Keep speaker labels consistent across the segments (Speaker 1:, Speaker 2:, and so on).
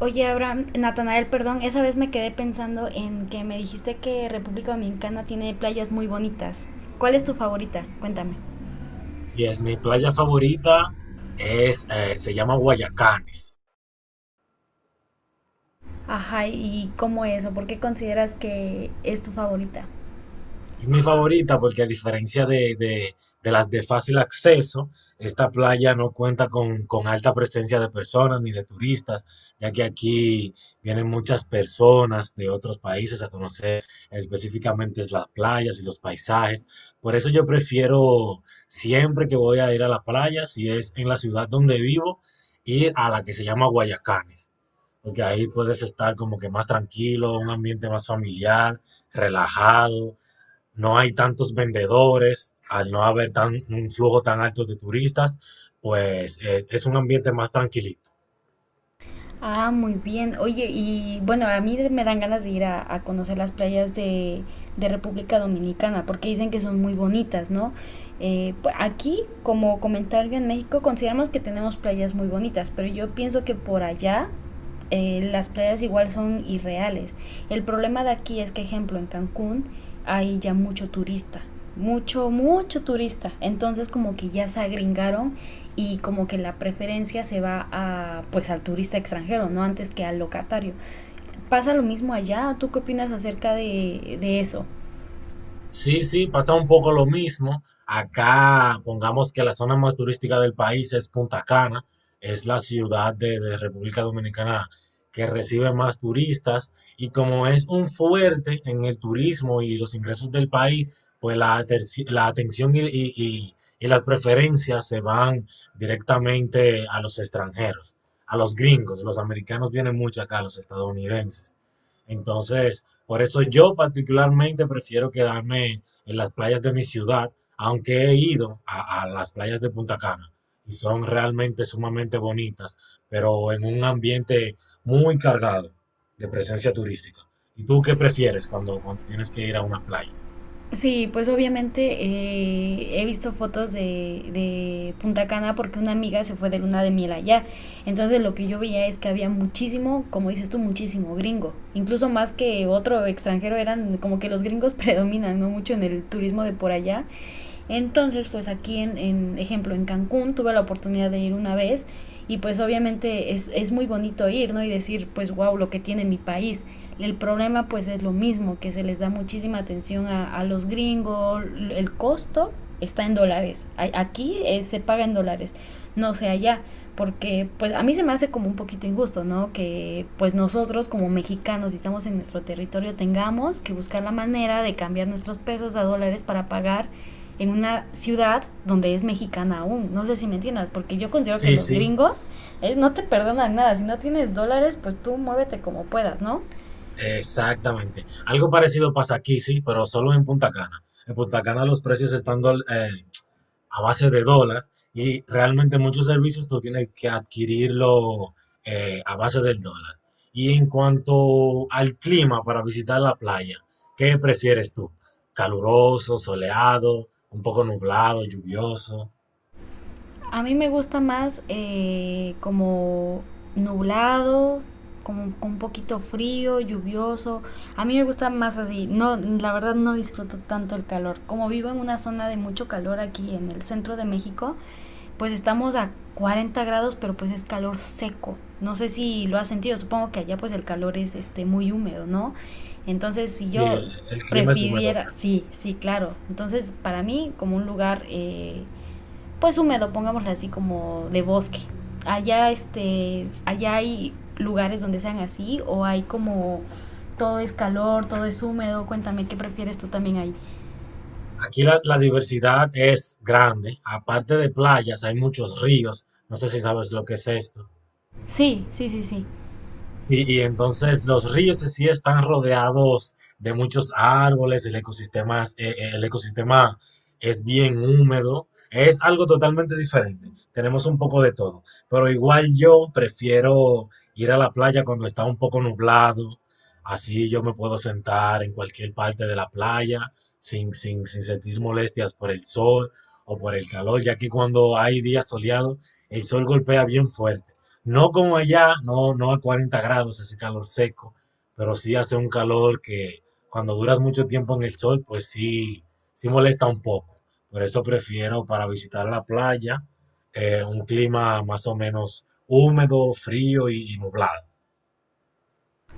Speaker 1: Oye, Abraham, Natanael, perdón, esa vez me quedé pensando en que me dijiste que República Dominicana tiene playas muy bonitas. ¿Cuál es tu favorita? Cuéntame.
Speaker 2: Así es, mi playa favorita se llama Guayacanes.
Speaker 1: Ajá, ¿y cómo es o por qué consideras que es tu favorita?
Speaker 2: Es mi favorita porque a diferencia de las de fácil acceso, esta playa no cuenta con alta presencia de personas ni de turistas, ya que aquí vienen muchas personas de otros países a conocer específicamente las playas y los paisajes. Por eso yo prefiero siempre que voy a ir a la playa, si es en la ciudad donde vivo, ir a la que se llama Guayacanes. Porque ahí puedes estar como que más tranquilo, un ambiente más familiar, relajado. No hay tantos vendedores, al no haber tan, un flujo tan alto de turistas, pues es un ambiente más tranquilito.
Speaker 1: Ah, muy bien. Oye, y bueno, a mí me dan ganas de ir a conocer las playas de República Dominicana, porque dicen que son muy bonitas, ¿no? Aquí, como comentario en México, consideramos que tenemos playas muy bonitas, pero yo pienso que por allá las playas igual son irreales. El problema de aquí es que, ejemplo, en Cancún hay ya mucho turista, mucho turista. Entonces como que ya se agringaron y como que la preferencia se va a, pues al turista extranjero, no antes que al locatario. ¿Pasa lo mismo allá? ¿Tú qué opinas acerca de eso?
Speaker 2: Sí, sí, pasa un poco lo mismo. Acá, pongamos que la zona más turística del país es Punta Cana, es la ciudad de República Dominicana que recibe más turistas y como es un fuerte en el turismo y los ingresos del país, pues la atención y las preferencias se van directamente a los extranjeros, a los gringos. Los americanos vienen mucho acá, los estadounidenses. Entonces, por eso yo particularmente prefiero quedarme en las playas de mi ciudad, aunque he ido a las playas de Punta Cana y son realmente sumamente bonitas, pero en un ambiente muy cargado de presencia turística. ¿Y tú qué prefieres cuando tienes que ir a una playa?
Speaker 1: Sí, pues obviamente he visto fotos de Punta Cana porque una amiga se fue de luna de miel allá. Entonces lo que yo veía es que había muchísimo, como dices tú, muchísimo gringo. Incluso más que otro extranjero eran como que los gringos predominan, ¿no? Mucho en el turismo de por allá. Entonces, pues aquí en ejemplo, en Cancún tuve la oportunidad de ir una vez y pues obviamente es muy bonito ir, ¿no? Y decir, pues wow, lo que tiene mi país. El problema pues es lo mismo, que se les da muchísima atención a los gringos, el costo está en dólares, aquí se paga en dólares, no sé allá, porque pues a mí se me hace como un poquito injusto, ¿no? Que pues nosotros como mexicanos, si estamos en nuestro territorio, tengamos que buscar la manera de cambiar nuestros pesos a dólares para pagar en una ciudad donde es mexicana aún. No sé si me entiendas, porque yo considero que
Speaker 2: Sí,
Speaker 1: los
Speaker 2: sí,
Speaker 1: gringos no te perdonan nada. Si no tienes dólares, pues tú muévete como puedas, ¿no?
Speaker 2: exactamente. Algo parecido pasa aquí, sí, pero solo en Punta Cana. En Punta Cana los precios están a base de dólar y realmente muchos servicios tú tienes que adquirirlo a base del dólar. Y en cuanto al clima para visitar la playa, ¿qué prefieres tú? ¿Caluroso, soleado, un poco nublado, lluvioso?
Speaker 1: A mí me gusta más como nublado, como un poquito frío, lluvioso. A mí me gusta más así. No, la verdad no disfruto tanto el calor. Como vivo en una zona de mucho calor aquí en el centro de México, pues estamos a 40 grados, pero pues es calor seco. No sé si lo has sentido, supongo que allá pues el calor es este muy húmedo, ¿no? Entonces, si
Speaker 2: Sí,
Speaker 1: yo
Speaker 2: el clima es húmedo
Speaker 1: prefiriera,
Speaker 2: acá.
Speaker 1: sí, sí, claro. Entonces, para mí como un lugar pues húmedo, pongámoslo así como de bosque. Allá este allá hay lugares donde sean así o hay como todo es calor, todo es húmedo. Cuéntame qué prefieres tú también ahí.
Speaker 2: Aquí la diversidad es grande. Aparte de playas, hay muchos ríos. No sé si sabes lo que es esto.
Speaker 1: Sí, sí, sí, sí.
Speaker 2: Sí, y entonces los ríos en sí están rodeados de muchos árboles, el ecosistema, el ecosistema es bien húmedo, es algo totalmente diferente. Tenemos un poco de todo, pero igual yo prefiero ir a la playa cuando está un poco nublado, así yo me puedo sentar en cualquier parte de la playa sin sentir molestias por el sol o por el calor, ya que cuando hay días soleados, el sol golpea bien fuerte. No como allá, no, no a 40 grados ese calor seco, pero sí hace un calor que cuando duras mucho tiempo en el sol, pues sí, sí molesta un poco. Por eso prefiero para visitar la playa un clima más o menos húmedo, frío y nublado.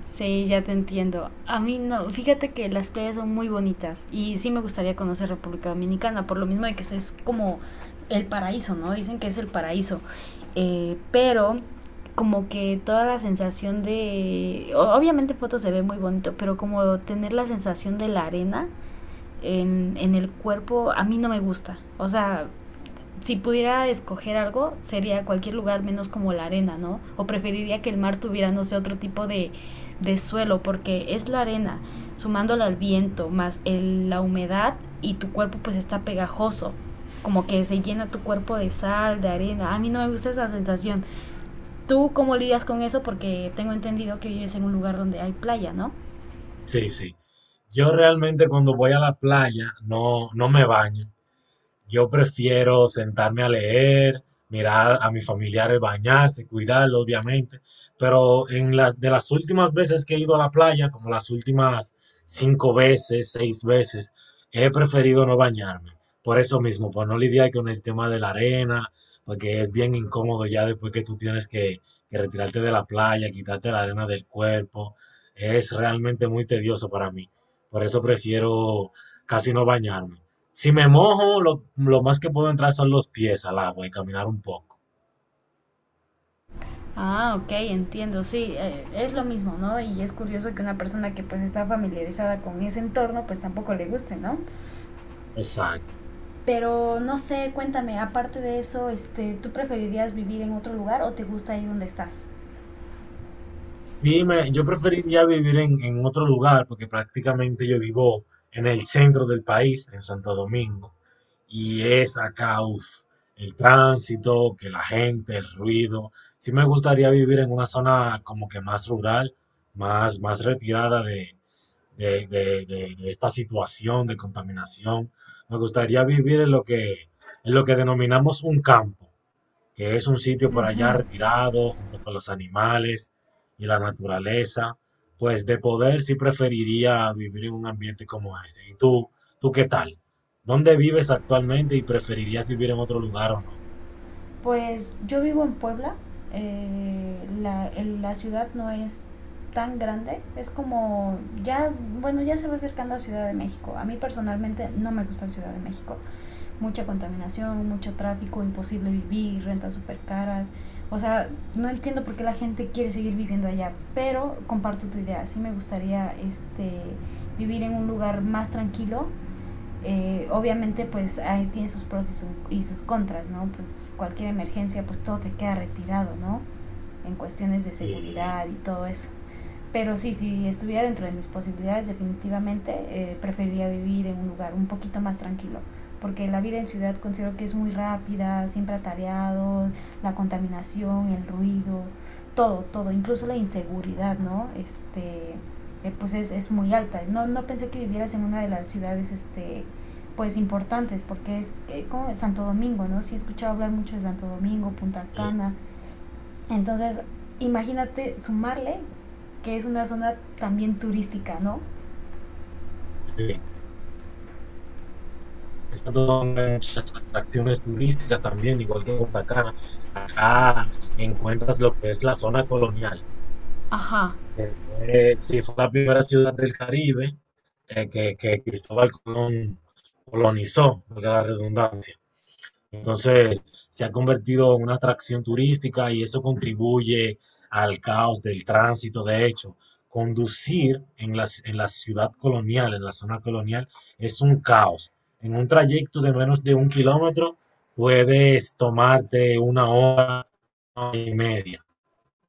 Speaker 1: Sí, ya te entiendo. A mí no, fíjate que las playas son muy bonitas y sí me gustaría conocer República Dominicana, por lo mismo de que es como el paraíso, ¿no? Dicen que es el paraíso. Pero como que toda la sensación de obviamente fotos se ve muy bonito, pero como tener la sensación de la arena en el cuerpo, a mí no me gusta. O sea, si pudiera escoger algo, sería cualquier lugar menos como la arena, ¿no? O preferiría que el mar tuviera, no sé, otro tipo de suelo, porque es la arena, sumándola al viento, más la humedad y tu cuerpo pues está pegajoso, como que se llena tu cuerpo de sal, de arena. A mí no me gusta esa sensación. ¿Tú cómo lidias con eso? Porque tengo entendido que vives en un lugar donde hay playa, ¿no?
Speaker 2: Sí, sí. Yo realmente cuando voy a la playa no, no me baño. Yo prefiero sentarme a leer, mirar a mis familiares bañarse, cuidarlos, obviamente. Pero en la- de las últimas veces que he ido a la playa, como las últimas cinco veces, seis veces, he preferido no bañarme. Por eso mismo, por no lidiar con el tema de la arena, porque es bien incómodo ya después que tú tienes que retirarte de la playa, quitarte la arena del cuerpo. Es realmente muy tedioso para mí. Por eso prefiero casi no bañarme. Si me mojo, lo más que puedo entrar son los pies al agua y caminar un poco.
Speaker 1: Ah, ok, entiendo, sí, es lo mismo, ¿no? Y es curioso que una persona que pues está familiarizada con ese entorno pues tampoco le guste, ¿no?
Speaker 2: Exacto.
Speaker 1: Pero no sé, cuéntame, aparte de eso, este, ¿tú preferirías vivir en otro lugar o te gusta ahí donde estás?
Speaker 2: Sí, yo preferiría vivir en otro lugar porque prácticamente yo vivo en el centro del país, en Santo Domingo, y es acá, uf, el tránsito, que la gente, el ruido. Sí me gustaría vivir en una zona como que más rural, más, más retirada de esta situación de contaminación. Me gustaría vivir en lo que denominamos un campo, que es un sitio por allá
Speaker 1: Ujú.
Speaker 2: retirado, junto con los animales y la naturaleza. Pues de poder sí preferiría vivir en un ambiente como este. ¿Y tú qué tal? ¿Dónde vives actualmente y preferirías vivir en otro lugar o no?
Speaker 1: Pues yo vivo en Puebla, la ciudad no es tan grande, es como ya, bueno, ya se va acercando a Ciudad de México. A mí personalmente no me gusta Ciudad de México. Mucha contaminación, mucho tráfico, imposible vivir, rentas súper caras. O sea, no entiendo por qué la gente quiere seguir viviendo allá, pero comparto tu idea. Sí me gustaría este, vivir en un lugar más tranquilo. Obviamente, pues ahí tiene sus pros y sus contras, ¿no? Pues cualquier emergencia, pues todo te queda retirado, ¿no? En cuestiones de
Speaker 2: Sí, sí,
Speaker 1: seguridad y todo eso. Pero sí, si estuviera dentro de mis posibilidades, definitivamente preferiría vivir en un lugar un poquito más tranquilo. Porque la vida en ciudad considero que es muy rápida, siempre atareados, la contaminación, el ruido, todo, incluso la inseguridad, ¿no? Pues es muy alta. No pensé que vivieras en una de las ciudades, este, pues importantes, porque es como Santo Domingo, ¿no? Sí he escuchado hablar mucho de Santo Domingo, Punta
Speaker 2: sí,
Speaker 1: Cana, entonces, imagínate sumarle que es una zona también turística, ¿no?
Speaker 2: sí. Pensando en muchas atracciones turísticas también, igual que Punta Cana. Acá encuentras lo que es la zona colonial,
Speaker 1: Ah,
Speaker 2: que fue, sí, fue la primera ciudad del Caribe que Cristóbal Colón colonizó, de la redundancia. Entonces se ha convertido en una atracción turística y eso contribuye al caos del tránsito. De hecho, conducir en la ciudad colonial, en la zona colonial, es un caos. En un trayecto de menos de un kilómetro puedes tomarte una hora y media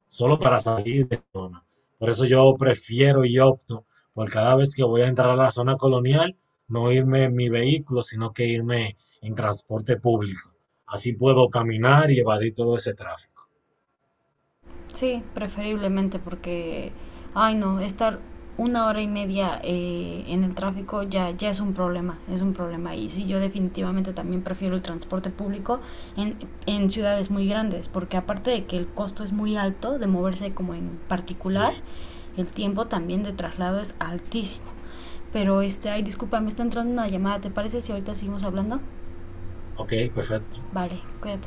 Speaker 2: solo para salir de la zona. Por eso yo prefiero y opto por cada vez que voy a entrar a la zona colonial, no irme en mi vehículo, sino que irme en transporte público. Así puedo caminar y evadir todo ese tráfico.
Speaker 1: sí, preferiblemente porque, ay no, estar 1 hora y media en el tráfico ya, ya es un problema, es un problema. Y sí, yo definitivamente también prefiero el transporte público en, en ciudades muy grandes, porque aparte de que el costo es muy alto de moverse como en particular,
Speaker 2: Sí,
Speaker 1: el tiempo también de traslado es altísimo. Pero este, ay, disculpa, me está entrando una llamada, ¿te parece si ahorita seguimos hablando?
Speaker 2: ok, perfecto.
Speaker 1: Vale, cuídate.